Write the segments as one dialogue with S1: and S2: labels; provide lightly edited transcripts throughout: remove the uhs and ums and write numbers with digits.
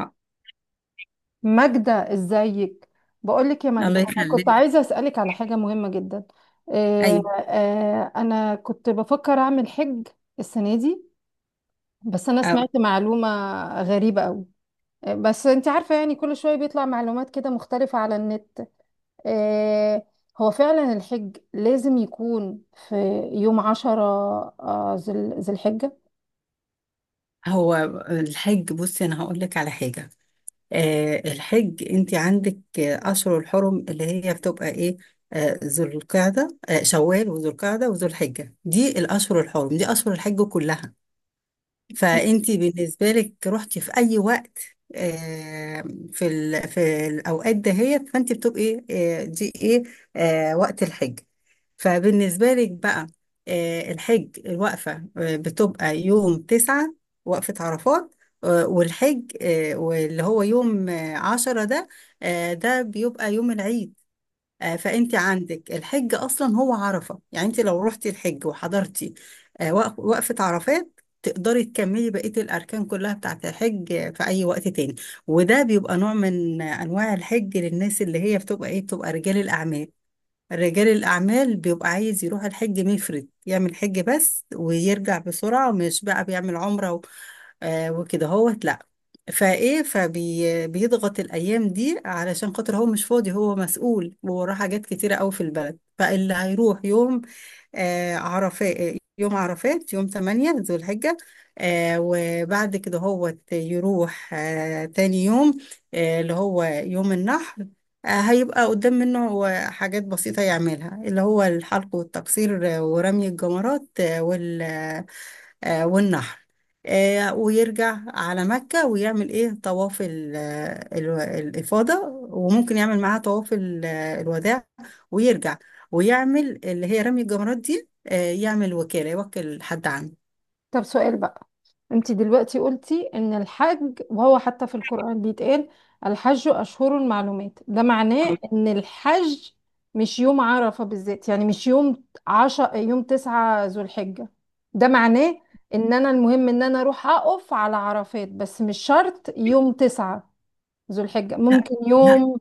S1: آه،
S2: ماجدة، ازيك؟ بقولك يا ماجدة،
S1: الله
S2: انا كنت
S1: يخليك.
S2: عايزة اسألك على حاجة مهمة جدا. آه،
S1: ايوه.
S2: انا كنت بفكر اعمل حج السنة دي، بس انا
S1: آه،
S2: سمعت معلومة غريبة قوي. بس انت عارفة، يعني كل شوية بيطلع معلومات كده مختلفة على النت. آه، هو فعلا الحج لازم يكون في يوم 10 آه، ذي ذي الحجة؟
S1: هو الحج، بصي انا هقول لك على حاجه. الحج، انت عندك اشهر الحرم اللي هي بتبقى ايه؟ ذو القعده، شوال وذو القعده وذو الحجه، دي الاشهر الحرم، دي اشهر الحج كلها. فانت بالنسبه لك رحتي في اي وقت، آه، في الاوقات دهيت، فانت بتبقي، دي ايه؟ وقت الحج. فبالنسبة لك بقى، الحج، الوقفة بتبقى يوم 9، وقفة عرفات، والحج، واللي هو يوم عشرة ده، ده بيبقى يوم العيد. فأنت عندك الحج أصلا هو عرفة، يعني أنت لو رحتي الحج وحضرتي وقفة عرفات، تقدري تكملي بقية الأركان كلها بتاعة الحج في أي وقت تاني. وده بيبقى نوع من أنواع الحج، للناس اللي هي بتبقى إيه؟ بتبقى رجال الأعمال. رجال الأعمال بيبقى عايز يروح الحج مفرد، يعمل حج بس ويرجع بسرعة، مش بقى بيعمل عمرة وكده هوت، لأ. فإيه فبيضغط الأيام دي علشان خاطر هو مش فاضي، هو مسؤول ووراه حاجات كتيرة أوي في البلد. فاللي هيروح يوم عرفات يوم 8 ذو الحجة، وبعد كده هو يروح تاني يوم، اللي هو يوم النحر. هيبقى قدام منه هو حاجات بسيطة يعملها، اللي هو الحلق والتقصير، ورمي الجمرات، والنحر. ويرجع على مكة ويعمل ايه؟ طواف الإفاضة. وممكن يعمل معاها طواف الوداع ويرجع، ويعمل اللي هي رمي الجمرات دي، يعمل وكالة، يوكل حد عنده.
S2: طب سؤال بقى. انت دلوقتي قلتي ان الحج وهو حتى في القرآن بيتقال الحج اشهر المعلومات، ده معناه ان الحج مش يوم عرفة بالذات، يعني مش يوم 9 ذو الحجة. ده معناه ان انا المهم ان انا اروح اقف على عرفات، بس مش شرط يوم 9 ذو الحجة، ممكن
S1: لا،
S2: يوم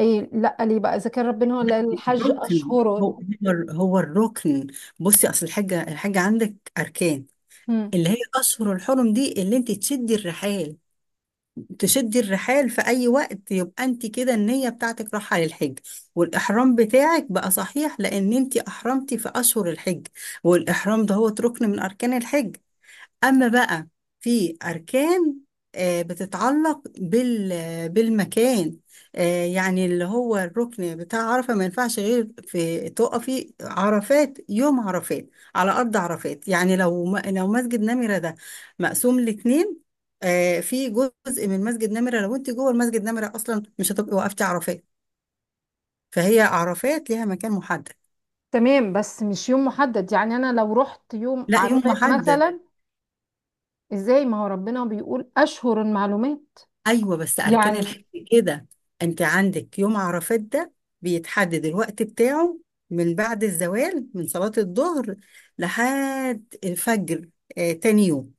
S2: ايه؟ لا، ليه بقى اذا كان ربنا هو اللي قال الحج
S1: ركن.
S2: اشهر؟
S1: هو هو هو الركن. بصي، اصل الحاجة عندك أركان.
S2: مم.
S1: اللي هي أشهر الحرم دي، اللي انت تشدي الرحال في أي وقت، يبقى أنت كده النية بتاعتك راحة للحج، والإحرام بتاعك بقى صحيح لأن أنت أحرمتي في أشهر الحج. والإحرام ده هو ركن من أركان الحج. أما بقى، في أركان بتتعلق بالمكان. يعني اللي هو الركن بتاع عرفة ما ينفعش غير في تقفي عرفات، يوم عرفات على أرض عرفات. يعني لو مسجد نمرة ده مقسوم لاتنين، في جزء من مسجد نمرة، لو أنت جوه المسجد نمرة أصلا مش هتبقي وقفتي عرفات. فهي عرفات ليها مكان محدد.
S2: تمام، بس مش يوم محدد، يعني انا لو رحت يوم
S1: لا يوم
S2: عرفات
S1: محدد.
S2: مثلا؟ ازاي؟ ما هو ربنا بيقول اشهر المعلومات.
S1: ايوه، بس اركان
S2: يعني
S1: الحج كده. انت عندك يوم عرفات ده، بيتحدد الوقت بتاعه من بعد الزوال من صلاة الظهر لحد الفجر تاني يوم.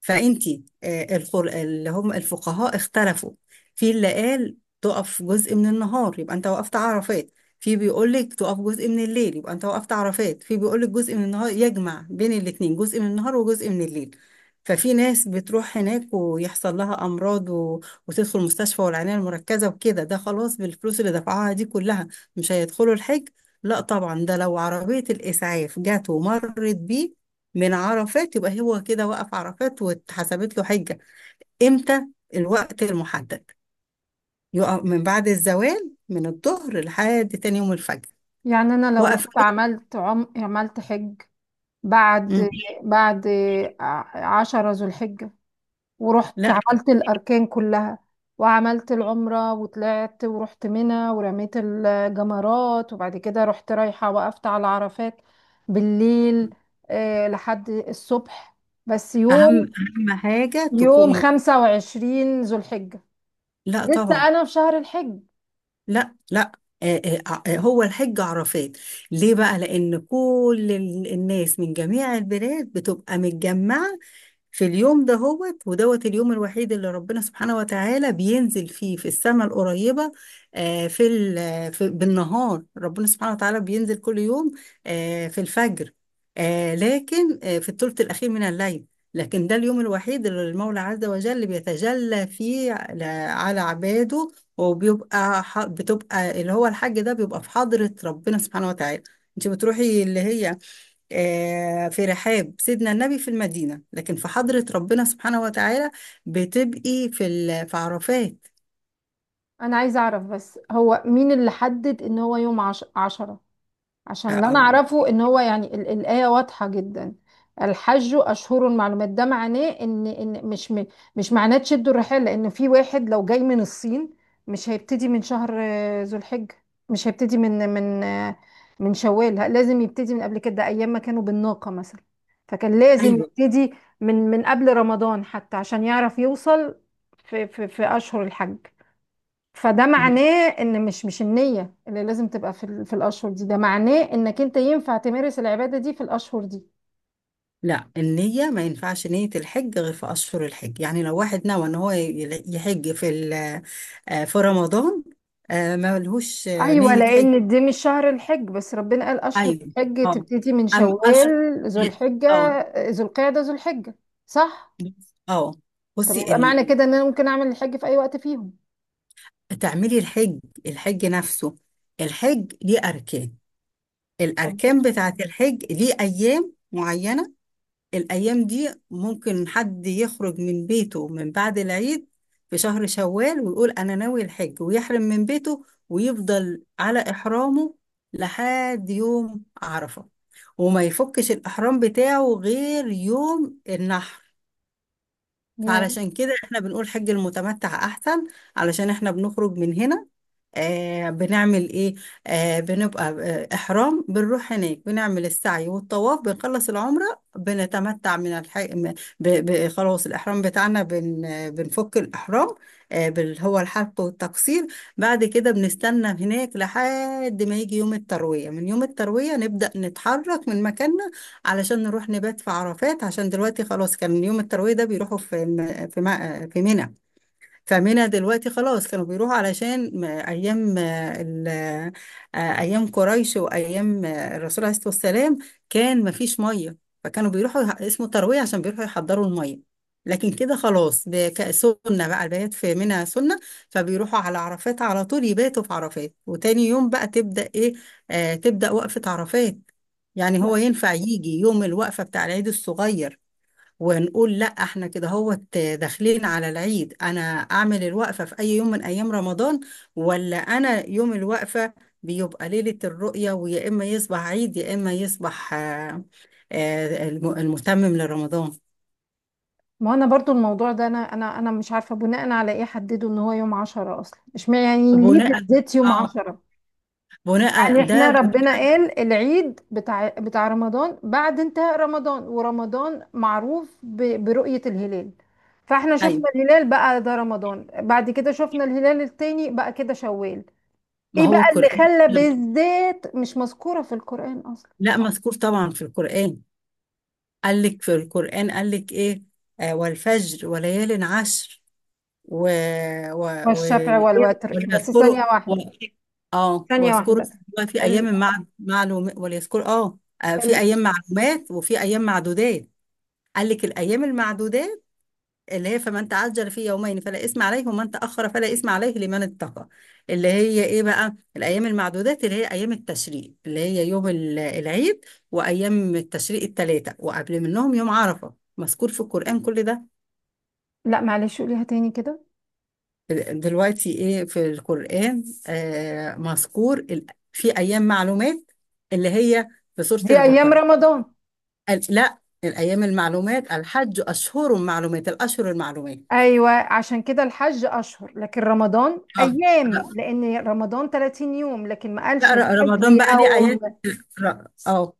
S1: فانتي، اللي هم الفقهاء اختلفوا. في اللي قال تقف جزء من النهار يبقى انت وقفت عرفات، في بيقول لك تقف جزء من الليل يبقى انت وقفت عرفات، في بيقول لك جزء من النهار، يجمع بين الاثنين جزء من النهار وجزء من الليل. ففي ناس بتروح هناك ويحصل لها امراض وتدخل مستشفى والعنايه المركزه وكده. ده خلاص بالفلوس اللي دفعوها دي كلها مش هيدخلوا الحج؟ لا طبعا. ده لو عربيه الاسعاف جت ومرت بيه من عرفات، يبقى هو كده وقف عرفات واتحسبت له حجة. امتى؟ الوقت المحدد. يقف من بعد الزوال من الظهر لحد تاني يوم الفجر.
S2: يعني انا لو
S1: وقف.
S2: رحت عملت حج
S1: مم.
S2: بعد بعد عشرة ذو الحجة، ورحت
S1: لا،
S2: عملت الاركان كلها وعملت العمرة وطلعت ورحت منى ورميت الجمرات، وبعد كده رحت رايحة وقفت على عرفات بالليل لحد الصبح، بس
S1: اهم اهم حاجة تكون
S2: يوم 25 ذو الحجة،
S1: لا
S2: لسه
S1: طبعا.
S2: أنا في شهر الحج؟
S1: لا، لا. آه، هو الحج عرفات. ليه بقى؟ لأن كل الناس من جميع البلاد بتبقى متجمعة في اليوم ده، هوت ودوت، اليوم الوحيد اللي ربنا سبحانه وتعالى بينزل فيه في السماء القريبة. آه، في, ال- في بالنهار ربنا سبحانه وتعالى بينزل كل يوم في الفجر، لكن في الثلث الأخير من الليل. لكن ده اليوم الوحيد اللي المولى عز وجل بيتجلى فيه على عباده. بتبقى اللي هو الحج ده، بيبقى في حضرة ربنا سبحانه وتعالى. انت بتروحي اللي هي في رحاب سيدنا النبي في المدينة، لكن في حضرة ربنا سبحانه وتعالى بتبقي في عرفات.
S2: انا عايزه اعرف، بس هو مين اللي حدد ان هو يوم 10؟
S1: آه،
S2: عشان اللي انا
S1: آه،
S2: اعرفه ان هو يعني الايه واضحه جدا. الحج اشهر معلومات، ده معناه ان مش معناه تشدوا الرحال. لان في واحد لو جاي من الصين، مش هيبتدي من شهر ذو الحجه، مش هيبتدي من من شوال، لازم يبتدي من قبل كده، ايام ما كانوا بالناقه مثلا. فكان لازم
S1: أيوة.
S2: يبتدي من قبل رمضان حتى عشان يعرف يوصل في اشهر الحج. فده معناه ان مش النية اللي لازم تبقى في في الاشهر دي، ده معناه انك انت ينفع تمارس العبادة دي في الاشهر دي.
S1: لا، النية ما ينفعش نية الحج غير في أشهر الحج. يعني لو واحد نوى إن هو يحج في في رمضان، ما لهوش
S2: ايوه،
S1: نية حج.
S2: لان دي مش شهر الحج، بس ربنا قال اشهر
S1: ايوه.
S2: الحج
S1: اه
S2: تبتدي من
S1: أم أش
S2: شوال ذو الحجة.
S1: اه
S2: ذو القعدة، ذو الحجة، صح.
S1: اه
S2: طب
S1: بصي
S2: يبقى معنى كده ان انا ممكن اعمل الحج في اي وقت فيهم؟
S1: تعملي الحج. الحج نفسه، الحج ليه أركان. الأركان بتاعة الحج ليه أيام معينة. الأيام دي ممكن حد يخرج من بيته من بعد العيد في شهر شوال ويقول أنا ناوي الحج، ويحرم من بيته ويفضل على إحرامه لحد يوم عرفة، وما يفكش الإحرام بتاعه غير يوم النحر.
S2: ياه.
S1: فعلشان كده احنا بنقول حج المتمتع أحسن، علشان احنا بنخرج من هنا، بنعمل ايه؟ بنبقى احرام، بنروح هناك بنعمل السعي والطواف، بنخلص العمرة، بنتمتع من الحي... م- ب... ب... خلاص الاحرام بتاعنا بن... آه، بنفك الاحرام، هو الحلق والتقصير. بعد كده بنستنى هناك لحد ما يجي يوم التروية. من يوم التروية نبدأ نتحرك من مكاننا، علشان نروح نبات في عرفات. عشان دلوقتي خلاص، كان يوم التروية ده بيروحوا في منى. فمنها دلوقتي خلاص كانوا بيروحوا، علشان ايام ايام قريش وايام الرسول عليه الصلاه والسلام، كان ما فيش ميه، فكانوا بيروحوا، اسمه ترويه عشان بيروحوا يحضروا الميه. لكن كده خلاص، ده سنه بقى البيات في منها سنه. فبيروحوا على عرفات على طول، يباتوا في عرفات وتاني يوم بقى تبدا ايه؟ تبدا وقفه عرفات. يعني هو
S2: لا.
S1: ينفع يجي يوم الوقفه بتاع العيد الصغير، ونقول لا احنا كده هو داخلين على العيد؟ انا اعمل الوقفة في اي يوم من ايام رمضان؟ ولا انا يوم الوقفة بيبقى ليلة الرؤية، ويا اما يصبح عيد يا اما يصبح المتمم لرمضان.
S2: ما انا برضو الموضوع ده، انا مش عارفه بناء على ايه حددوا ان هو يوم 10 اصلا، مش يعني ليه
S1: بناء؟
S2: بالذات يوم
S1: اه
S2: 10؟
S1: بناء
S2: يعني احنا
S1: ده
S2: ربنا
S1: بناء.
S2: قال العيد بتاع رمضان بعد انتهاء رمضان، ورمضان معروف برؤية الهلال. فاحنا شفنا
S1: ايوه،
S2: الهلال بقى ده رمضان، بعد كده شفنا الهلال التاني بقى كده شوال.
S1: ما
S2: ايه
S1: هو
S2: بقى اللي
S1: القرآن.
S2: خلى بالذات مش مذكورة في القرآن اصلا؟
S1: لا، مذكور طبعا في القرآن. قال لك في القرآن، قال لك ايه؟ والفجر وليال عشر و... و... و...
S2: والشفع والوتر، بس ثانية
S1: وليذكروا، و...
S2: واحدة.
S1: اه
S2: ثانية
S1: واذكروا
S2: واحدة.
S1: اسمه في
S2: ال...
S1: ايام معلوم، وليذكروا، في
S2: ال...
S1: ايام معلومات وفي ايام معدودات. قال لك الايام المعدودات اللي هي فمن تعجل في يومين فلا اثم عليه ومن تاخر فلا اثم عليه لمن اتقى. اللي هي ايه بقى الايام المعدودات؟ اللي هي ايام التشريق، اللي هي يوم العيد، وايام التشريق الثلاثه، وقبل منهم يوم عرفه. مذكور في القران كل ده.
S2: لا معلش، قوليها تاني كده.
S1: دلوقتي ايه في القرآن؟ مذكور في ايام معلومات، اللي هي في سورة
S2: دي ايام
S1: البقرة.
S2: رمضان.
S1: قال لا، الايام المعلومات، الحج اشهر معلومات، الاشهر المعلومات.
S2: ايوه، عشان كده الحج اشهر لكن رمضان
S1: اه.
S2: ايام،
S1: لا،
S2: لان رمضان 30 يوم لكن ما قالش
S1: لا،
S2: الحج
S1: رمضان بقى ليه
S2: يوم.
S1: ايات، ر- اه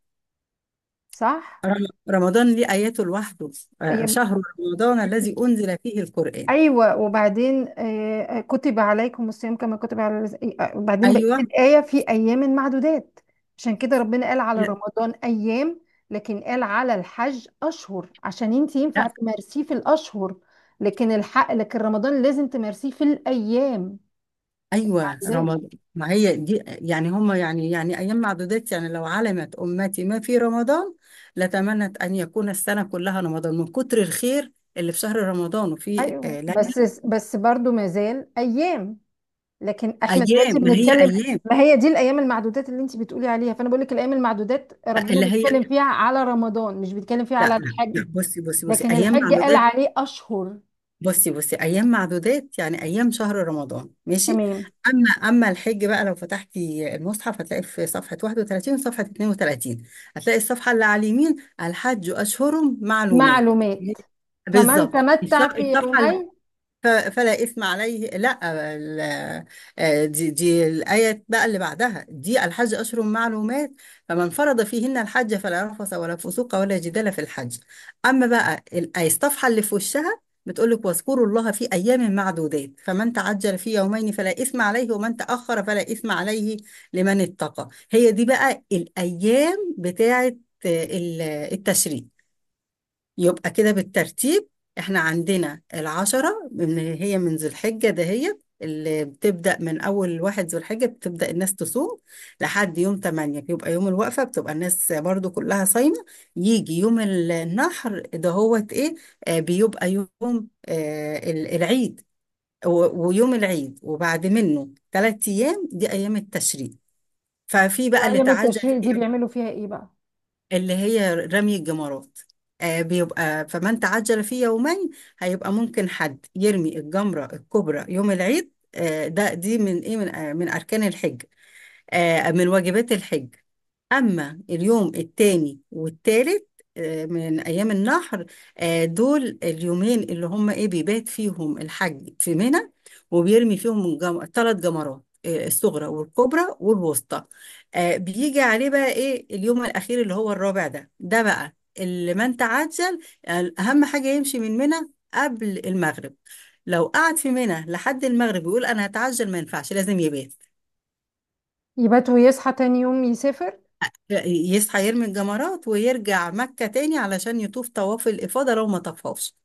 S2: صح.
S1: رمضان ليه اياته لوحده.
S2: أيام.
S1: شهر رمضان الذي انزل فيه القرآن.
S2: ايوه، وبعدين كتب عليكم الصيام كما كتب على وبعدين بقيه
S1: ايوه،
S2: الايه في ايام معدودات. عشان كده ربنا قال على رمضان ايام، لكن قال على الحج اشهر، عشان انت
S1: لا،
S2: ينفع تمارسيه في الاشهر، لكن الحق، لكن رمضان لازم تمارسيه في الايام.
S1: ايوه،
S2: معدودات.
S1: رمضان. ما هي دي يعني هم، يعني ايام معدودات، يعني لو علمت امتي ما في رمضان لتمنت ان يكون السنه كلها رمضان، من كتر الخير اللي في شهر رمضان وفي
S2: ايوه،
S1: ليله.
S2: بس برضو ما زال ايام، لكن احنا
S1: ايام،
S2: دلوقتي
S1: ما هي
S2: بنتكلم.
S1: ايام
S2: ما هي دي الايام المعدودات اللي انت بتقولي عليها، فانا بقول لك الايام المعدودات ربنا
S1: اللي هي.
S2: بيتكلم فيها على رمضان، مش بيتكلم فيها
S1: لا،
S2: على
S1: لا،
S2: الحج،
S1: لا، بصي
S2: لكن الحج قال عليه اشهر.
S1: ايام معدودات يعني ايام شهر رمضان، ماشي.
S2: تمام.
S1: اما الحج بقى، لو فتحتي المصحف هتلاقي في صفحه 31 وصفحه 32، هتلاقي الصفحه اللي على اليمين: الحج اشهر معلومات،
S2: معلومات، فمن
S1: بالظبط.
S2: تمتع في
S1: الصفحه،
S2: يومين.
S1: فلا إثم عليه، لا، ال- دي الآية بقى اللي بعدها، دي الحج أشهر معلومات، فمن فرض فيهن الحج فلا رفث ولا فسوق ولا جدال في الحج. أما بقى الآية الصفحة اللي في وشها، بتقول لك واذكروا الله في أيام معدودات فمن تعجل في يومين فلا إثم عليه ومن تأخر فلا إثم عليه لمن اتقى. هي دي بقى الأيام بتاعة آه، ال- التشريق. يبقى كده بالترتيب، احنا عندنا العشرة من ذو الحجة دهيت، اللي بتبدأ من أول واحد ذو الحجة بتبدأ الناس تصوم لحد يوم 8، بيبقى يوم الوقفة، بتبقى الناس برضو كلها صايمة. يجي يوم النحر، ده هو ايه؟ بيبقى يوم العيد، ويوم العيد وبعد منه 3 أيام، دي أيام التشريق. ففي بقى اللي
S2: وايام
S1: تعجب
S2: التشريق دي
S1: فيه،
S2: بيعملوا فيها ايه بقى؟
S1: اللي هي رمي الجمرات. بيبقى فمن تعجل في يومين، هيبقى ممكن حد يرمي الجمرة الكبرى يوم العيد. ده دي من اركان الحج، من واجبات الحج. أما اليوم التاني والتالت من أيام النحر، دول اليومين اللي هم إيه؟ بيبات فيهم الحج في منى، وبيرمي فيهم 3 جمرات، الصغرى والكبرى والوسطى. بيجي عليه بقى إيه اليوم الأخير اللي هو الرابع؟ ده بقى اللي من تعجل. أهم حاجة يمشي من منى قبل المغرب. لو قعد في منى لحد المغرب يقول أنا هتعجل، ما ينفعش، لازم يبات،
S2: يبات ويصحى تاني يوم يسافر.
S1: يصحى يرمي الجمرات ويرجع مكة تاني علشان يطوف طواف الإفاضة لو ما طفوش.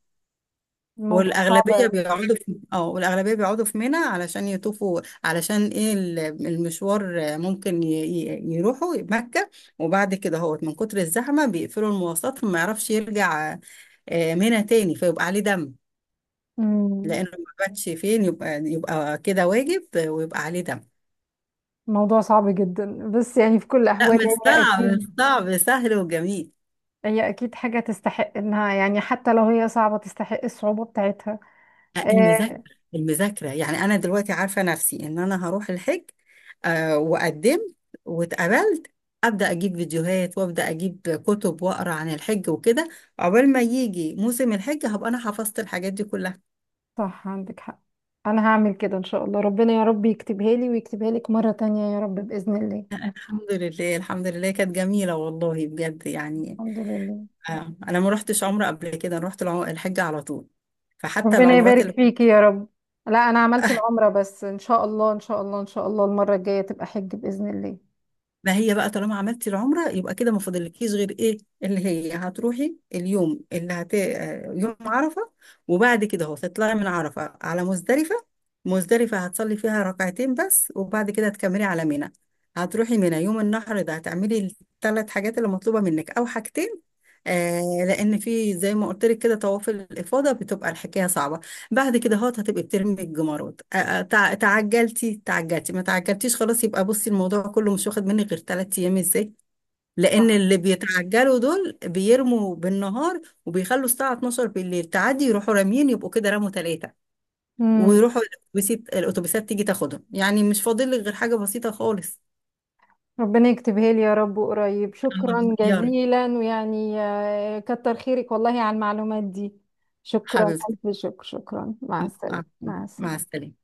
S2: الموضوع صعب قوي.
S1: والأغلبية بيقعدوا في منى علشان يطوفوا، علشان ايه؟ المشوار، ممكن يروحوا مكة، وبعد كده هو من كتر الزحمة بيقفلوا المواصلات فما يعرفش يرجع منى تاني، فيبقى عليه دم، لأنه ما باتش. فين يبقى كده واجب، ويبقى عليه دم.
S2: الموضوع صعب جدا، بس يعني في كل
S1: لا،
S2: الاحوال.
S1: مش
S2: هي
S1: صعب، مش
S2: اكيد.
S1: صعب، سهل وجميل.
S2: هي اكيد حاجة تستحق انها، يعني حتى لو هي صعبة تستحق الصعوبة بتاعتها.
S1: المذاكرة،
S2: آه.
S1: المذاكرة يعني أنا دلوقتي عارفة نفسي إن أنا هروح الحج، وقدمت واتقبلت، أبدأ أجيب فيديوهات وأبدأ أجيب كتب وأقرأ عن الحج وكده، عقبال ما يجي موسم الحج هبقى أنا حفظت الحاجات دي كلها.
S2: صح، عندك حق. انا هعمل كده ان شاء الله، ربنا يا رب يكتبها لي ويكتبها لك مرة تانية يا رب بإذن الله.
S1: الحمد لله، الحمد لله، كانت جميلة والله، بجد يعني.
S2: الحمد لله.
S1: أنا ما رحتش عمرة قبل كده، أنا رحت الحج على طول، فحتى
S2: ربنا تمام،
S1: العمرات.
S2: يبارك فيكي يا رب. لا، انا عملت العمرة بس، ان شاء الله ان شاء الله ان شاء الله المرة الجاية تبقى حج بإذن الله.
S1: ما هي بقى، طالما عملتي العمرة يبقى كده ما فاضلكيش غير ايه؟ اللي هي هتروحي اليوم اللي هت آه، يوم عرفة، وبعد كده هو تطلعي من عرفة على مزدلفة. مزدلفة هتصلي فيها ركعتين بس، وبعد كده هتكملي على منى، هتروحي منى يوم النحر، ده هتعملي ال3 حاجات اللي مطلوبة منك او حاجتين، آه لان في زي ما قلت لك كده طواف الافاضه بتبقى الحكايه صعبه. بعد كده هتبقي بترمي الجمارات، تعجلتي تعجلتي، ما تعجلتيش، خلاص، يبقى بصي الموضوع كله مش واخد مني غير 3 ايام. ازاي؟ لان
S2: صح.
S1: اللي بيتعجلوا دول بيرموا بالنهار، وبيخلوا الساعه 12 بالليل تعدي يروحوا راميين، يبقوا كده رموا 3،
S2: امم.
S1: ويروحوا الاتوبيسات. الاتوبيسات تيجي تاخدهم، يعني مش فاضل لك غير حاجه بسيطه خالص.
S2: ربنا يكتبها لي يا رب قريب،
S1: الله
S2: شكرا
S1: يا رب.
S2: جزيلا، ويعني كتر خيرك والله على المعلومات دي. شكرا،
S1: حبيبتي.
S2: ألف شكر، شكرا، مع
S1: آه،
S2: السلامة،
S1: آه،
S2: مع
S1: مع
S2: السلامة.
S1: السلامه.